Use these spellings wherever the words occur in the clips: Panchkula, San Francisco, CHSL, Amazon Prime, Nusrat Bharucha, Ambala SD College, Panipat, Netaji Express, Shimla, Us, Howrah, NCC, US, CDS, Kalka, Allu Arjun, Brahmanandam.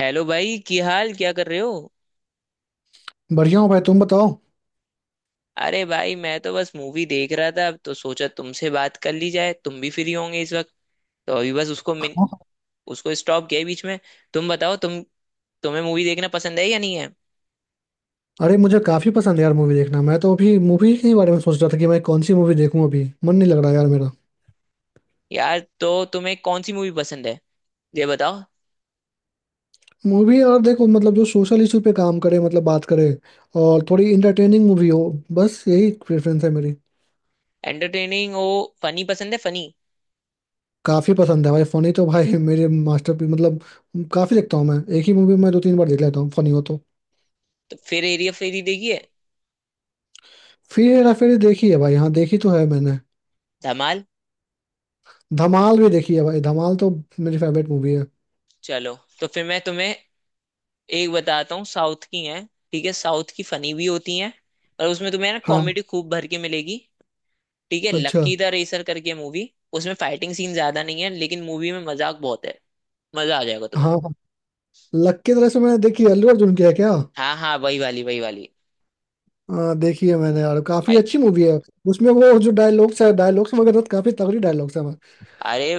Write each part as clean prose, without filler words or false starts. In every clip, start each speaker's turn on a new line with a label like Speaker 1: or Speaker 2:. Speaker 1: Hello भाई, की हाल क्या कर रहे हो?
Speaker 2: बढ़िया हो भाई तुम बताओ।
Speaker 1: अरे भाई, मैं तो बस मूवी देख रहा था तो सोचा तुमसे बात कर ली जाए। तुम भी फ्री होंगे इस वक्त। तो अभी बस उसको स्टॉप किया बीच में। तुम बताओ, तुम। तुम्हें मूवी देखना पसंद है या नहीं है?
Speaker 2: अरे मुझे काफी पसंद है यार मूवी देखना। मैं तो अभी मूवी के बारे में सोच रहा था कि मैं कौन सी मूवी देखूं। अभी मन नहीं लग रहा यार मेरा।
Speaker 1: यार, तो तुम्हें कौन सी मूवी पसंद है? ये बताओ।
Speaker 2: मूवी और देखो मतलब जो सोशल इशू पे काम करे मतलब बात करे, और थोड़ी इंटरटेनिंग मूवी हो। बस यही प्रेफरेंस है मेरी।
Speaker 1: एंटरटेनिंग हो। फनी पसंद है, फनी।
Speaker 2: काफी पसंद है भाई फनी तो भाई मेरे मास्टरपीस मतलब। काफी देखता हूँ मैं, एक ही मूवी मैं दो तीन बार देख लेता हूँ फनी हो तो।
Speaker 1: तो फिर एरिया फेरी देखिए।
Speaker 2: फिर हेरा फेरी देखी है भाई, हाँ देखी तो है मैंने।
Speaker 1: धमाल।
Speaker 2: धमाल भी देखी है भाई, धमाल तो मेरी फेवरेट मूवी है।
Speaker 1: चलो, तो फिर मैं तुम्हें एक बताता हूँ। साउथ की है। ठीक है, साउथ की फनी भी होती है, और उसमें तुम्हें ना
Speaker 2: हाँ।
Speaker 1: कॉमेडी खूब भर के मिलेगी। ठीक है,
Speaker 2: अच्छा।
Speaker 1: लक्की द रेसर करके मूवी। उसमें फाइटिंग सीन ज्यादा नहीं है, लेकिन मूवी में मजाक बहुत है। मजा आ जाएगा तुम्हें।
Speaker 2: हाँ। लक्की तरह से मैंने देखी है, अल्लू अर्जुन की है क्या?
Speaker 1: हाँ हाँ, वही वाली वही वाली।
Speaker 2: हाँ देखी है मैंने यार, काफी
Speaker 1: भाई।
Speaker 2: अच्छी मूवी है। उसमें वो जो डायलॉग्स है, डायलॉग्स वगैरह तो काफी तगड़ी डायलॉग्स है।
Speaker 1: अरे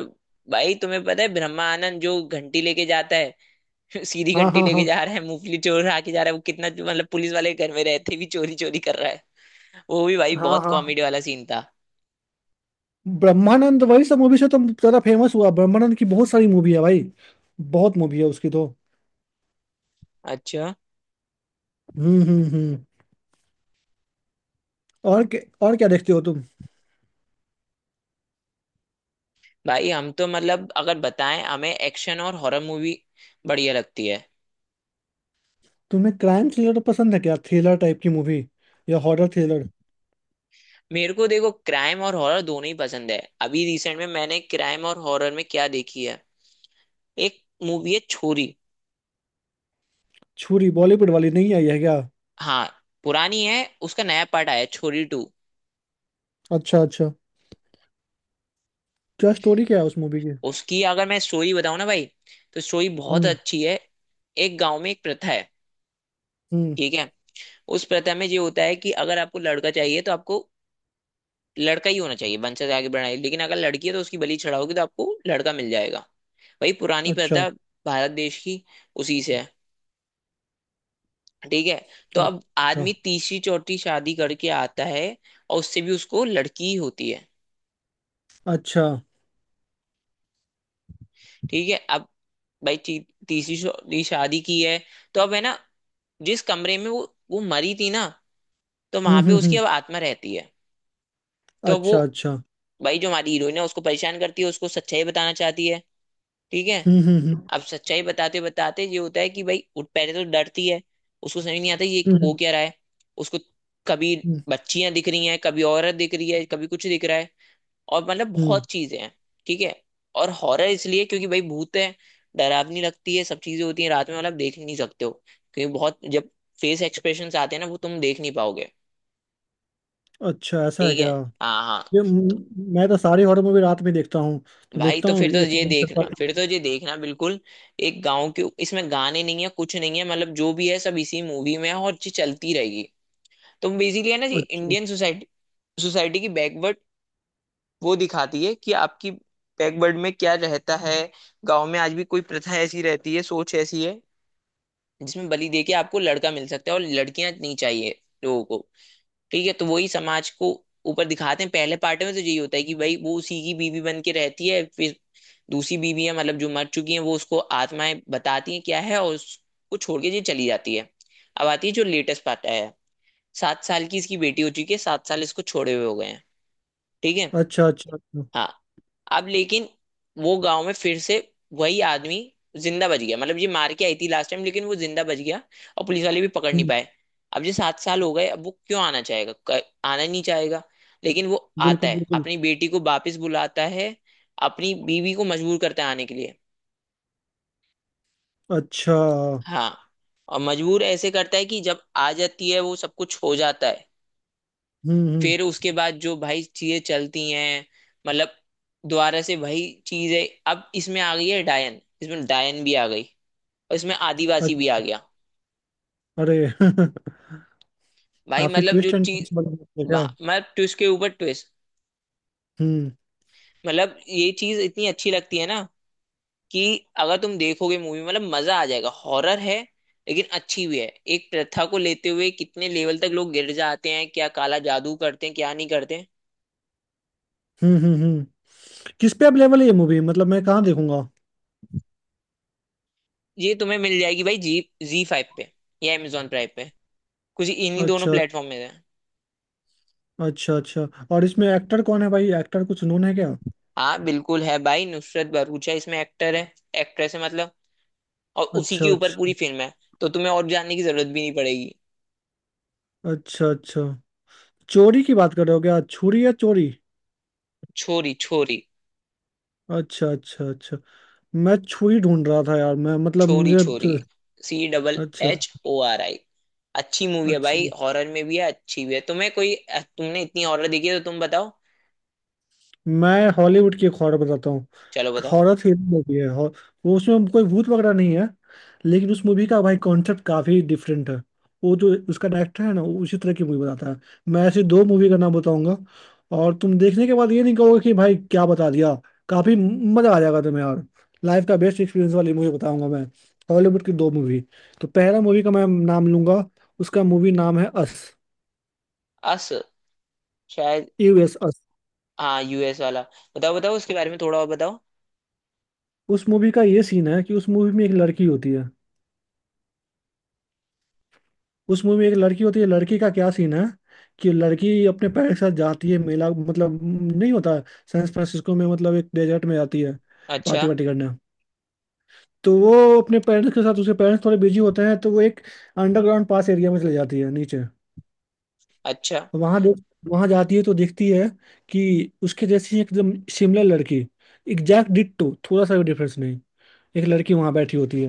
Speaker 1: भाई, तुम्हें पता है ब्रह्मा आनंद जो घंटी लेके जाता है? सीधी
Speaker 2: हाँ
Speaker 1: घंटी
Speaker 2: हाँ
Speaker 1: लेके
Speaker 2: हाँ
Speaker 1: जा रहा है, मूंगफली चोर आके जा रहा है। वो कितना मतलब, पुलिस वाले घर में रहते भी चोरी चोरी कर रहा है। वो भी भाई
Speaker 2: हाँ
Speaker 1: बहुत
Speaker 2: हाँ।
Speaker 1: कॉमेडी वाला सीन था।
Speaker 2: ब्रह्मानंद वही सब मूवी से तो ज्यादा फेमस हुआ, ब्रह्मानंद की बहुत सारी मूवी है भाई। बहुत मूवी है उसकी तो।
Speaker 1: अच्छा।
Speaker 2: हम्म। और क्या, और क्या देखते हो तुम?
Speaker 1: भाई, हम तो मतलब अगर बताएं, हमें एक्शन और हॉरर मूवी बढ़िया लगती है।
Speaker 2: तुम्हें क्राइम थ्रिलर पसंद है क्या, थ्रिलर टाइप की मूवी या हॉरर थ्रिलर?
Speaker 1: मेरे को देखो, क्राइम और हॉरर दोनों ही पसंद है। अभी रिसेंट में मैंने क्राइम और हॉरर में क्या देखी है। एक मूवी है, छोरी।
Speaker 2: छुरी, बॉलीवुड वाली नहीं आई है क्या?
Speaker 1: हाँ, पुरानी है। उसका नया पार्ट आया है, छोरी टू।
Speaker 2: अच्छा अच्छा। क्या स्टोरी, क्या है उस मूवी की?
Speaker 1: उसकी अगर मैं स्टोरी बताऊं ना भाई, तो स्टोरी बहुत
Speaker 2: हम्म
Speaker 1: अच्छी है। एक गांव में एक प्रथा है।
Speaker 2: हम्म।
Speaker 1: ठीक है। उस प्रथा में ये होता है कि अगर आपको लड़का चाहिए तो आपको लड़का ही होना चाहिए, वंश से आगे बढ़ना है। लेकिन अगर लड़की है तो उसकी बलि चढ़ाओगी तो आपको लड़का मिल जाएगा। वही पुरानी
Speaker 2: अच्छा
Speaker 1: प्रथा भारत देश की, उसी से है। ठीक है। तो अब
Speaker 2: अच्छा
Speaker 1: आदमी तीसरी चौथी शादी करके आता है, और उससे भी उसको लड़की ही होती है।
Speaker 2: अच्छा।
Speaker 1: ठीक है। अब भाई तीसरी शादी की है। तो अब है ना, जिस कमरे में वो मरी थी ना, तो वहां पे उसकी
Speaker 2: हम्म।
Speaker 1: अब आत्मा रहती है। तो वो
Speaker 2: अच्छा अच्छा।
Speaker 1: भाई जो हमारी हीरोइन है, उसको परेशान करती है, उसको सच्चाई बताना चाहती है। ठीक है।
Speaker 2: हम्म।
Speaker 1: अब सच्चाई बताते बताते ये होता है कि भाई वो पहले तो डरती है, उसको समझ नहीं आता ये हो
Speaker 2: हम्म,
Speaker 1: क्या रहा है। उसको कभी
Speaker 2: हम्म।
Speaker 1: बच्चियां दिख रही हैं, कभी औरत दिख रही है, कभी कुछ दिख रहा है, और मतलब
Speaker 2: हम्म।
Speaker 1: बहुत चीजें हैं। ठीक है। और हॉरर इसलिए क्योंकि भाई भूत है, डरावनी लगती है, सब चीजें होती हैं रात में, मतलब देख नहीं सकते हो। क्योंकि बहुत जब फेस एक्सप्रेशन आते हैं ना, वो तुम देख नहीं पाओगे।
Speaker 2: अच्छा, ऐसा है
Speaker 1: ठीक है।
Speaker 2: क्या?
Speaker 1: हाँ हाँ।
Speaker 2: ये
Speaker 1: तो
Speaker 2: मैं तो सारी हॉरर मूवी रात में देखता हूँ। तो
Speaker 1: भाई
Speaker 2: देखता
Speaker 1: तो
Speaker 2: हूँ
Speaker 1: फिर तो
Speaker 2: ये
Speaker 1: ये
Speaker 2: चैलेंज कर
Speaker 1: देखना,
Speaker 2: पाता।
Speaker 1: बिल्कुल। एक गांव के इसमें गाने नहीं है, कुछ नहीं है, मतलब जो भी है सब इसी मूवी में है और ये चलती रहेगी। तो बेसिकली है ना, ये
Speaker 2: अच्छा
Speaker 1: इंडियन सोसाइटी। सोसाइटी की बैकवर्ड वो दिखाती है कि आपकी बैकवर्ड में क्या रहता है। गांव में आज भी कोई प्रथा ऐसी रहती है, सोच ऐसी है, जिसमें बलि दे के आपको लड़का मिल सकता है और लड़कियां नहीं चाहिए लोगों को। ठीक है। तो वही समाज को ऊपर दिखाते हैं। पहले पार्ट में तो यही होता है कि भाई वो उसी की बीवी बन के रहती है, फिर दूसरी बीवियां मतलब जो मर चुकी हैं, वो उसको आत्माएं बताती हैं क्या है, और उसको छोड़ के ये चली जाती है। अब आती है जो लेटेस्ट पार्ट आया है। 7 साल की इसकी बेटी हो चुकी है, 7 साल इसको छोड़े हुए हो गए हैं। ठीक है।
Speaker 2: अच्छा अच्छा अच्छा।
Speaker 1: हाँ। अब लेकिन वो गांव में फिर से वही आदमी जिंदा बच गया, मतलब ये मार के आई थी लास्ट टाइम लेकिन वो जिंदा बच गया, और पुलिस वाले भी पकड़ नहीं
Speaker 2: हम्म।
Speaker 1: पाए। अब ये 7 साल हो गए, अब वो क्यों आना चाहेगा, आना नहीं चाहेगा। लेकिन वो आता
Speaker 2: बिल्कुल
Speaker 1: है,
Speaker 2: बिल्कुल।
Speaker 1: अपनी बेटी को वापस बुलाता है, अपनी बीवी को मजबूर करता है आने के लिए।
Speaker 2: अच्छा।
Speaker 1: हाँ। और मजबूर ऐसे करता है कि जब आ जाती है वो सब कुछ हो जाता है।
Speaker 2: हम्म।
Speaker 1: फिर उसके बाद जो भाई चीजें चलती हैं, मतलब दोबारा से वही चीज है। अब इसमें आ गई है डायन, इसमें डायन भी आ गई, और इसमें आदिवासी
Speaker 2: अ-
Speaker 1: भी आ गया।
Speaker 2: अरे
Speaker 1: भाई
Speaker 2: काफी
Speaker 1: मतलब जो
Speaker 2: ट्विस्ट एंड
Speaker 1: चीज,
Speaker 2: टर्न्स वाली movie है क्या?
Speaker 1: मतलब ट्विस्ट के ऊपर ट्विस्ट,
Speaker 2: हम्म
Speaker 1: मतलब ये चीज इतनी अच्छी लगती है ना, कि अगर तुम देखोगे मूवी, मतलब मजा आ जाएगा। हॉरर है, लेकिन अच्छी भी है। एक प्रथा को लेते हुए कितने लेवल तक लोग गिर जाते हैं, क्या काला जादू करते हैं क्या नहीं करते हैं।
Speaker 2: हम्म। किस पे अवेलेबल है ये मूवी, मतलब मैं कहाँ देखूंगा?
Speaker 1: ये तुम्हें मिल जाएगी भाई जी। जी फाइव पे या Amazon प्राइम पे, कुछ इन्हीं दोनों
Speaker 2: अच्छा
Speaker 1: प्लेटफॉर्म में है।
Speaker 2: अच्छा अच्छा। और इसमें एक्टर कौन है भाई, एक्टर कुछ नोन है क्या?
Speaker 1: हाँ बिल्कुल है भाई, नुसरत भरूचा इसमें एक्टर है, एक्ट्रेस है मतलब, और उसी
Speaker 2: अच्छा
Speaker 1: के ऊपर
Speaker 2: अच्छा।
Speaker 1: पूरी फिल्म है। तो तुम्हें और जानने की जरूरत भी नहीं पड़ेगी।
Speaker 2: अच्छा अच्छा। चोरी की बात कर रहे हो क्या, छुरी या चोरी?
Speaker 1: छोरी छोरी।
Speaker 2: अच्छा अच्छा अच्छा। मैं छुरी ढूंढ रहा था यार, मैं मतलब
Speaker 1: छोरी
Speaker 2: मुझे।
Speaker 1: छोरी। सी डबल
Speaker 2: अच्छा
Speaker 1: एच ओ आर आई अच्छी मूवी है
Speaker 2: अच्छा।
Speaker 1: भाई, हॉरर में भी है, अच्छी भी है। तुम्हें कोई, तुमने इतनी हॉरर देखी है तो तुम बताओ।
Speaker 2: मैं हॉलीवुड की एक हॉरर बताता हूँ।
Speaker 1: चलो बताओ।
Speaker 2: हॉरर थ्रिलर मूवी है। वो, उसमें कोई भूत वगैरह नहीं है। लेकिन उस मूवी का भाई कॉन्सेप्ट काफी डिफरेंट है। वो जो उसका डायरेक्टर है ना वो उसी तरह की मूवी बताता है। मैं ऐसी दो मूवी का नाम बताऊंगा, और तुम देखने के बाद ये नहीं कहोगे कि भाई क्या बता दिया। काफी मजा आ जाएगा तुम्हें यार। लाइफ का बेस्ट एक्सपीरियंस वाली मूवी बताऊंगा मैं, हॉलीवुड की दो मूवी। तो पहला मूवी का मैं नाम लूंगा, उसका मूवी नाम है अस।
Speaker 1: अस, शायद।
Speaker 2: US, Us.
Speaker 1: हाँ, US वाला। बताओ बताओ, उसके बारे में थोड़ा और बताओ।
Speaker 2: उस मूवी का ये सीन है कि उस मूवी में एक लड़की होती है। उस मूवी में एक लड़की होती है, लड़की का क्या सीन है, कि लड़की अपने पैर के साथ जाती है मेला, मतलब नहीं होता, सैन फ्रांसिस्को में, मतलब एक डेजर्ट में जाती है पार्टी
Speaker 1: अच्छा
Speaker 2: वार्टी करने। तो वो अपने पेरेंट्स के साथ, उसके पेरेंट्स थोड़े बिजी होते हैं, तो वो एक अंडरग्राउंड पास एरिया में चले जाती है नीचे।
Speaker 1: अच्छा।
Speaker 2: वहां देख वहां जाती है तो देखती है कि उसके जैसी एकदम सिमिलर लड़की, एग्जैक्ट डिट्टो, थोड़ा सा भी डिफरेंस नहीं, एक लड़की वहां बैठी होती है।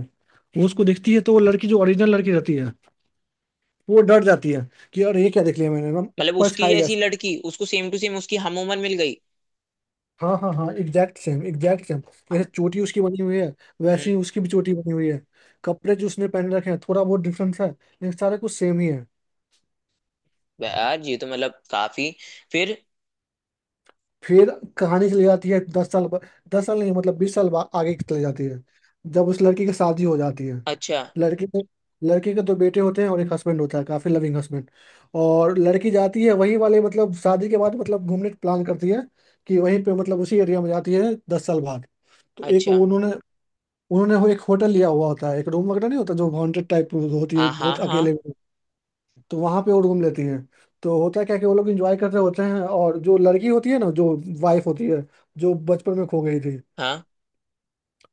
Speaker 2: वो उसको देखती है, तो वो लड़की, जो ओरिजिनल लड़की रहती है, वो डर जाती है कि यार ये क्या देख लिया मैंने ना।
Speaker 1: मतलब
Speaker 2: पर
Speaker 1: उसकी
Speaker 2: छाई।
Speaker 1: जैसी लड़की उसको सेम टू सेम उसकी हम उम्र मिल गई।
Speaker 2: हाँ हाँ हाँ, एग्जैक्ट सेम एग्जैक्ट सेम। जैसे चोटी उसकी बनी हुई है वैसे ही उसकी भी चोटी बनी हुई है। कपड़े जो उसने पहन रखे हैं थोड़ा बहुत डिफरेंस है लेकिन सारा कुछ सेम ही है।
Speaker 1: यार ये तो मतलब काफी। फिर।
Speaker 2: फिर कहानी चली जाती है 10 साल दस साल नहीं, मतलब 20 साल आगे चली जाती है, जब उस लड़की की शादी हो जाती है।
Speaker 1: अच्छा
Speaker 2: लड़की के लड़के के दो बेटे होते हैं और एक हस्बैंड होता है, काफी लविंग हस्बैंड। और लड़की जाती है वहीं वाले, मतलब शादी के बाद मतलब घूमने प्लान करती है कि वहीं पे, मतलब उसी एरिया में जाती है 10 साल बाद। तो एक वो
Speaker 1: अच्छा।
Speaker 2: उन्होंने उन्होंने वो एक होटल लिया हुआ होता है, एक रूम वगैरह नहीं होता, जो हॉन्टेड टाइप होती है
Speaker 1: हाँ हाँ
Speaker 2: बहुत अकेले
Speaker 1: हाँ
Speaker 2: में। तो वहां पे वो रूम लेती हैं। तो होता है क्या, कि वो लोग इंजॉय कर रहे होते हैं, और जो लड़की होती है ना, जो वाइफ होती है, जो बचपन में खो गई थी,
Speaker 1: हाँ।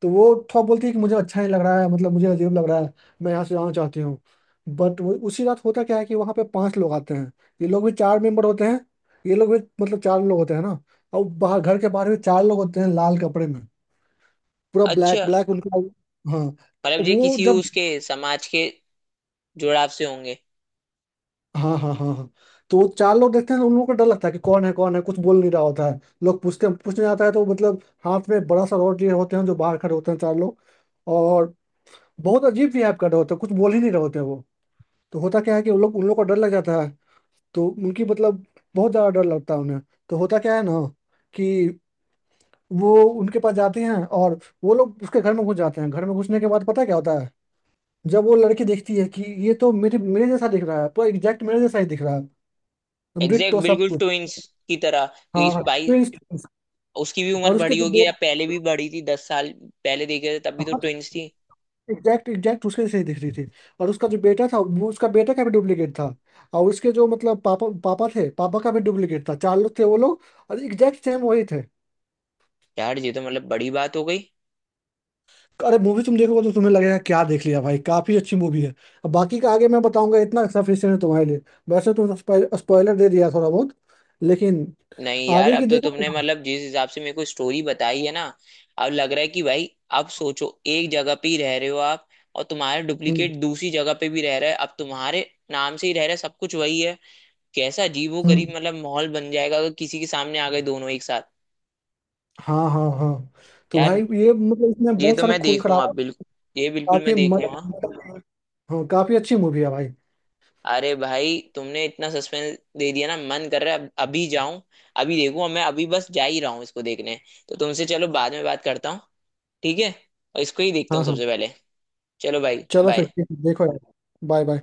Speaker 2: तो वो थोड़ा बोलती है कि मुझे अच्छा नहीं लग रहा है, मतलब मुझे अजीब लग रहा है, मैं यहाँ से जाना चाहती हूँ। बट उसी रात होता क्या है, कि वहाँ पे पांच लोग आते हैं। ये लोग भी चार मेंबर होते हैं। ये लोग भी मतलब चार लोग होते हैं ना। और बाहर, घर के बाहर भी चार लोग होते हैं लाल कपड़े में, पूरा ब्लैक
Speaker 1: अच्छा,
Speaker 2: ब्लैक उनका। हाँ। तो
Speaker 1: मतलब ये
Speaker 2: वो
Speaker 1: किसी
Speaker 2: जब
Speaker 1: उसके समाज के जुड़ाव से होंगे।
Speaker 2: हाँ हाँ हाँ हाँ। तो वो चार लोग देखते हैं, तो उन लोगों को डर लगता है कि कौन है कौन है, कुछ बोल नहीं रहा होता है। लोग पूछते हैं, पूछने जाता है तो मतलब हाथ में बड़ा सा रॉड लिए होते हैं जो बाहर खड़े होते हैं चार लोग। और बहुत अजीब बिहेव कर रहे होते हैं, कुछ बोल ही नहीं रहे होते हैं वो। तो होता क्या है कि उन लोग को डर लग जाता है, तो उनकी मतलब बहुत ज्यादा डर लगता है उन्हें। तो होता क्या है ना, कि वो उनके पास जाते हैं, और वो लोग उसके घर में घुस जाते हैं। घर में घुसने के बाद पता क्या होता है, जब वो लड़की देखती है कि ये तो मेरे मेरे जैसा दिख रहा है, पूरा एग्जैक्ट मेरे जैसा ही दिख रहा है।
Speaker 1: एग्जैक्ट
Speaker 2: डिट्टो सब
Speaker 1: बिल्कुल
Speaker 2: कुछ।
Speaker 1: ट्विंस की तरह, तो
Speaker 2: हाँ
Speaker 1: इस
Speaker 2: हाँ
Speaker 1: भाई,
Speaker 2: ट्विंस ट्विंस।
Speaker 1: उसकी भी उम्र
Speaker 2: और उसके
Speaker 1: बड़ी
Speaker 2: जो
Speaker 1: होगी या पहले
Speaker 2: बेटा,
Speaker 1: भी बड़ी थी? 10 साल पहले देखे थे, तब भी तो
Speaker 2: हाँ,
Speaker 1: ट्विंस थी।
Speaker 2: एग्जैक्ट एग्जैक्ट उसके जैसे ही दिख रही थी। और उसका जो बेटा था वो उसका बेटा का भी डुप्लीकेट था। और उसके जो मतलब पापा पापा थे, पापा का भी डुप्लीकेट था, चार लोग थे वो लोग, और एग्जैक्ट सेम वही थे।
Speaker 1: यार ये तो मतलब बड़ी बात हो गई।
Speaker 2: अरे मूवी तुम देखोगे तो तुम्हें लगेगा क्या देख लिया भाई, काफी अच्छी मूवी है। अब बाकी का आगे मैं बताऊंगा, इतना सफिशियंट है तुम्हारे लिए। वैसे तुम, स्पॉइलर दे दिया थोड़ा बहुत, लेकिन
Speaker 1: नहीं यार,
Speaker 2: आगे
Speaker 1: अब
Speaker 2: की
Speaker 1: तो
Speaker 2: देखो।
Speaker 1: तुमने मतलब जिस हिसाब से मेरे को स्टोरी बताई है ना, अब लग रहा है कि भाई, अब सोचो, एक जगह पे ही रह रहे हो आप, और तुम्हारा
Speaker 2: हम्म
Speaker 1: डुप्लीकेट दूसरी जगह पे भी रह रहा है, अब तुम्हारे नाम से ही रह रहा है, सब कुछ वही है। कैसा अजीबो
Speaker 2: हम्म,
Speaker 1: गरीब मतलब माहौल बन जाएगा, अगर किसी के सामने आ गए दोनों एक साथ।
Speaker 2: हाँ हाँ हाँ। तो
Speaker 1: यार,
Speaker 2: भाई ये मतलब इसमें
Speaker 1: ये
Speaker 2: बहुत
Speaker 1: तो
Speaker 2: सारा
Speaker 1: मैं
Speaker 2: खून
Speaker 1: देखूंगा,
Speaker 2: खराबा।
Speaker 1: बिल्कुल ये बिल्कुल मैं
Speaker 2: काफी मत,
Speaker 1: देखूंगा।
Speaker 2: बिल्कुल। हाँ काफी अच्छी मूवी है भाई।
Speaker 1: अरे भाई, तुमने इतना सस्पेंस दे दिया ना, मन कर रहा है अब अभी जाऊं, अभी देखूं, और मैं अभी बस जा ही रहा हूँ इसको देखने। तो तुमसे चलो बाद में बात करता हूँ, ठीक है। और इसको ही देखता
Speaker 2: हाँ
Speaker 1: हूँ
Speaker 2: हाँ।
Speaker 1: सबसे पहले। चलो भाई,
Speaker 2: चलो फिर
Speaker 1: बाय।
Speaker 2: ठीक है, देखो यार। Bye bye.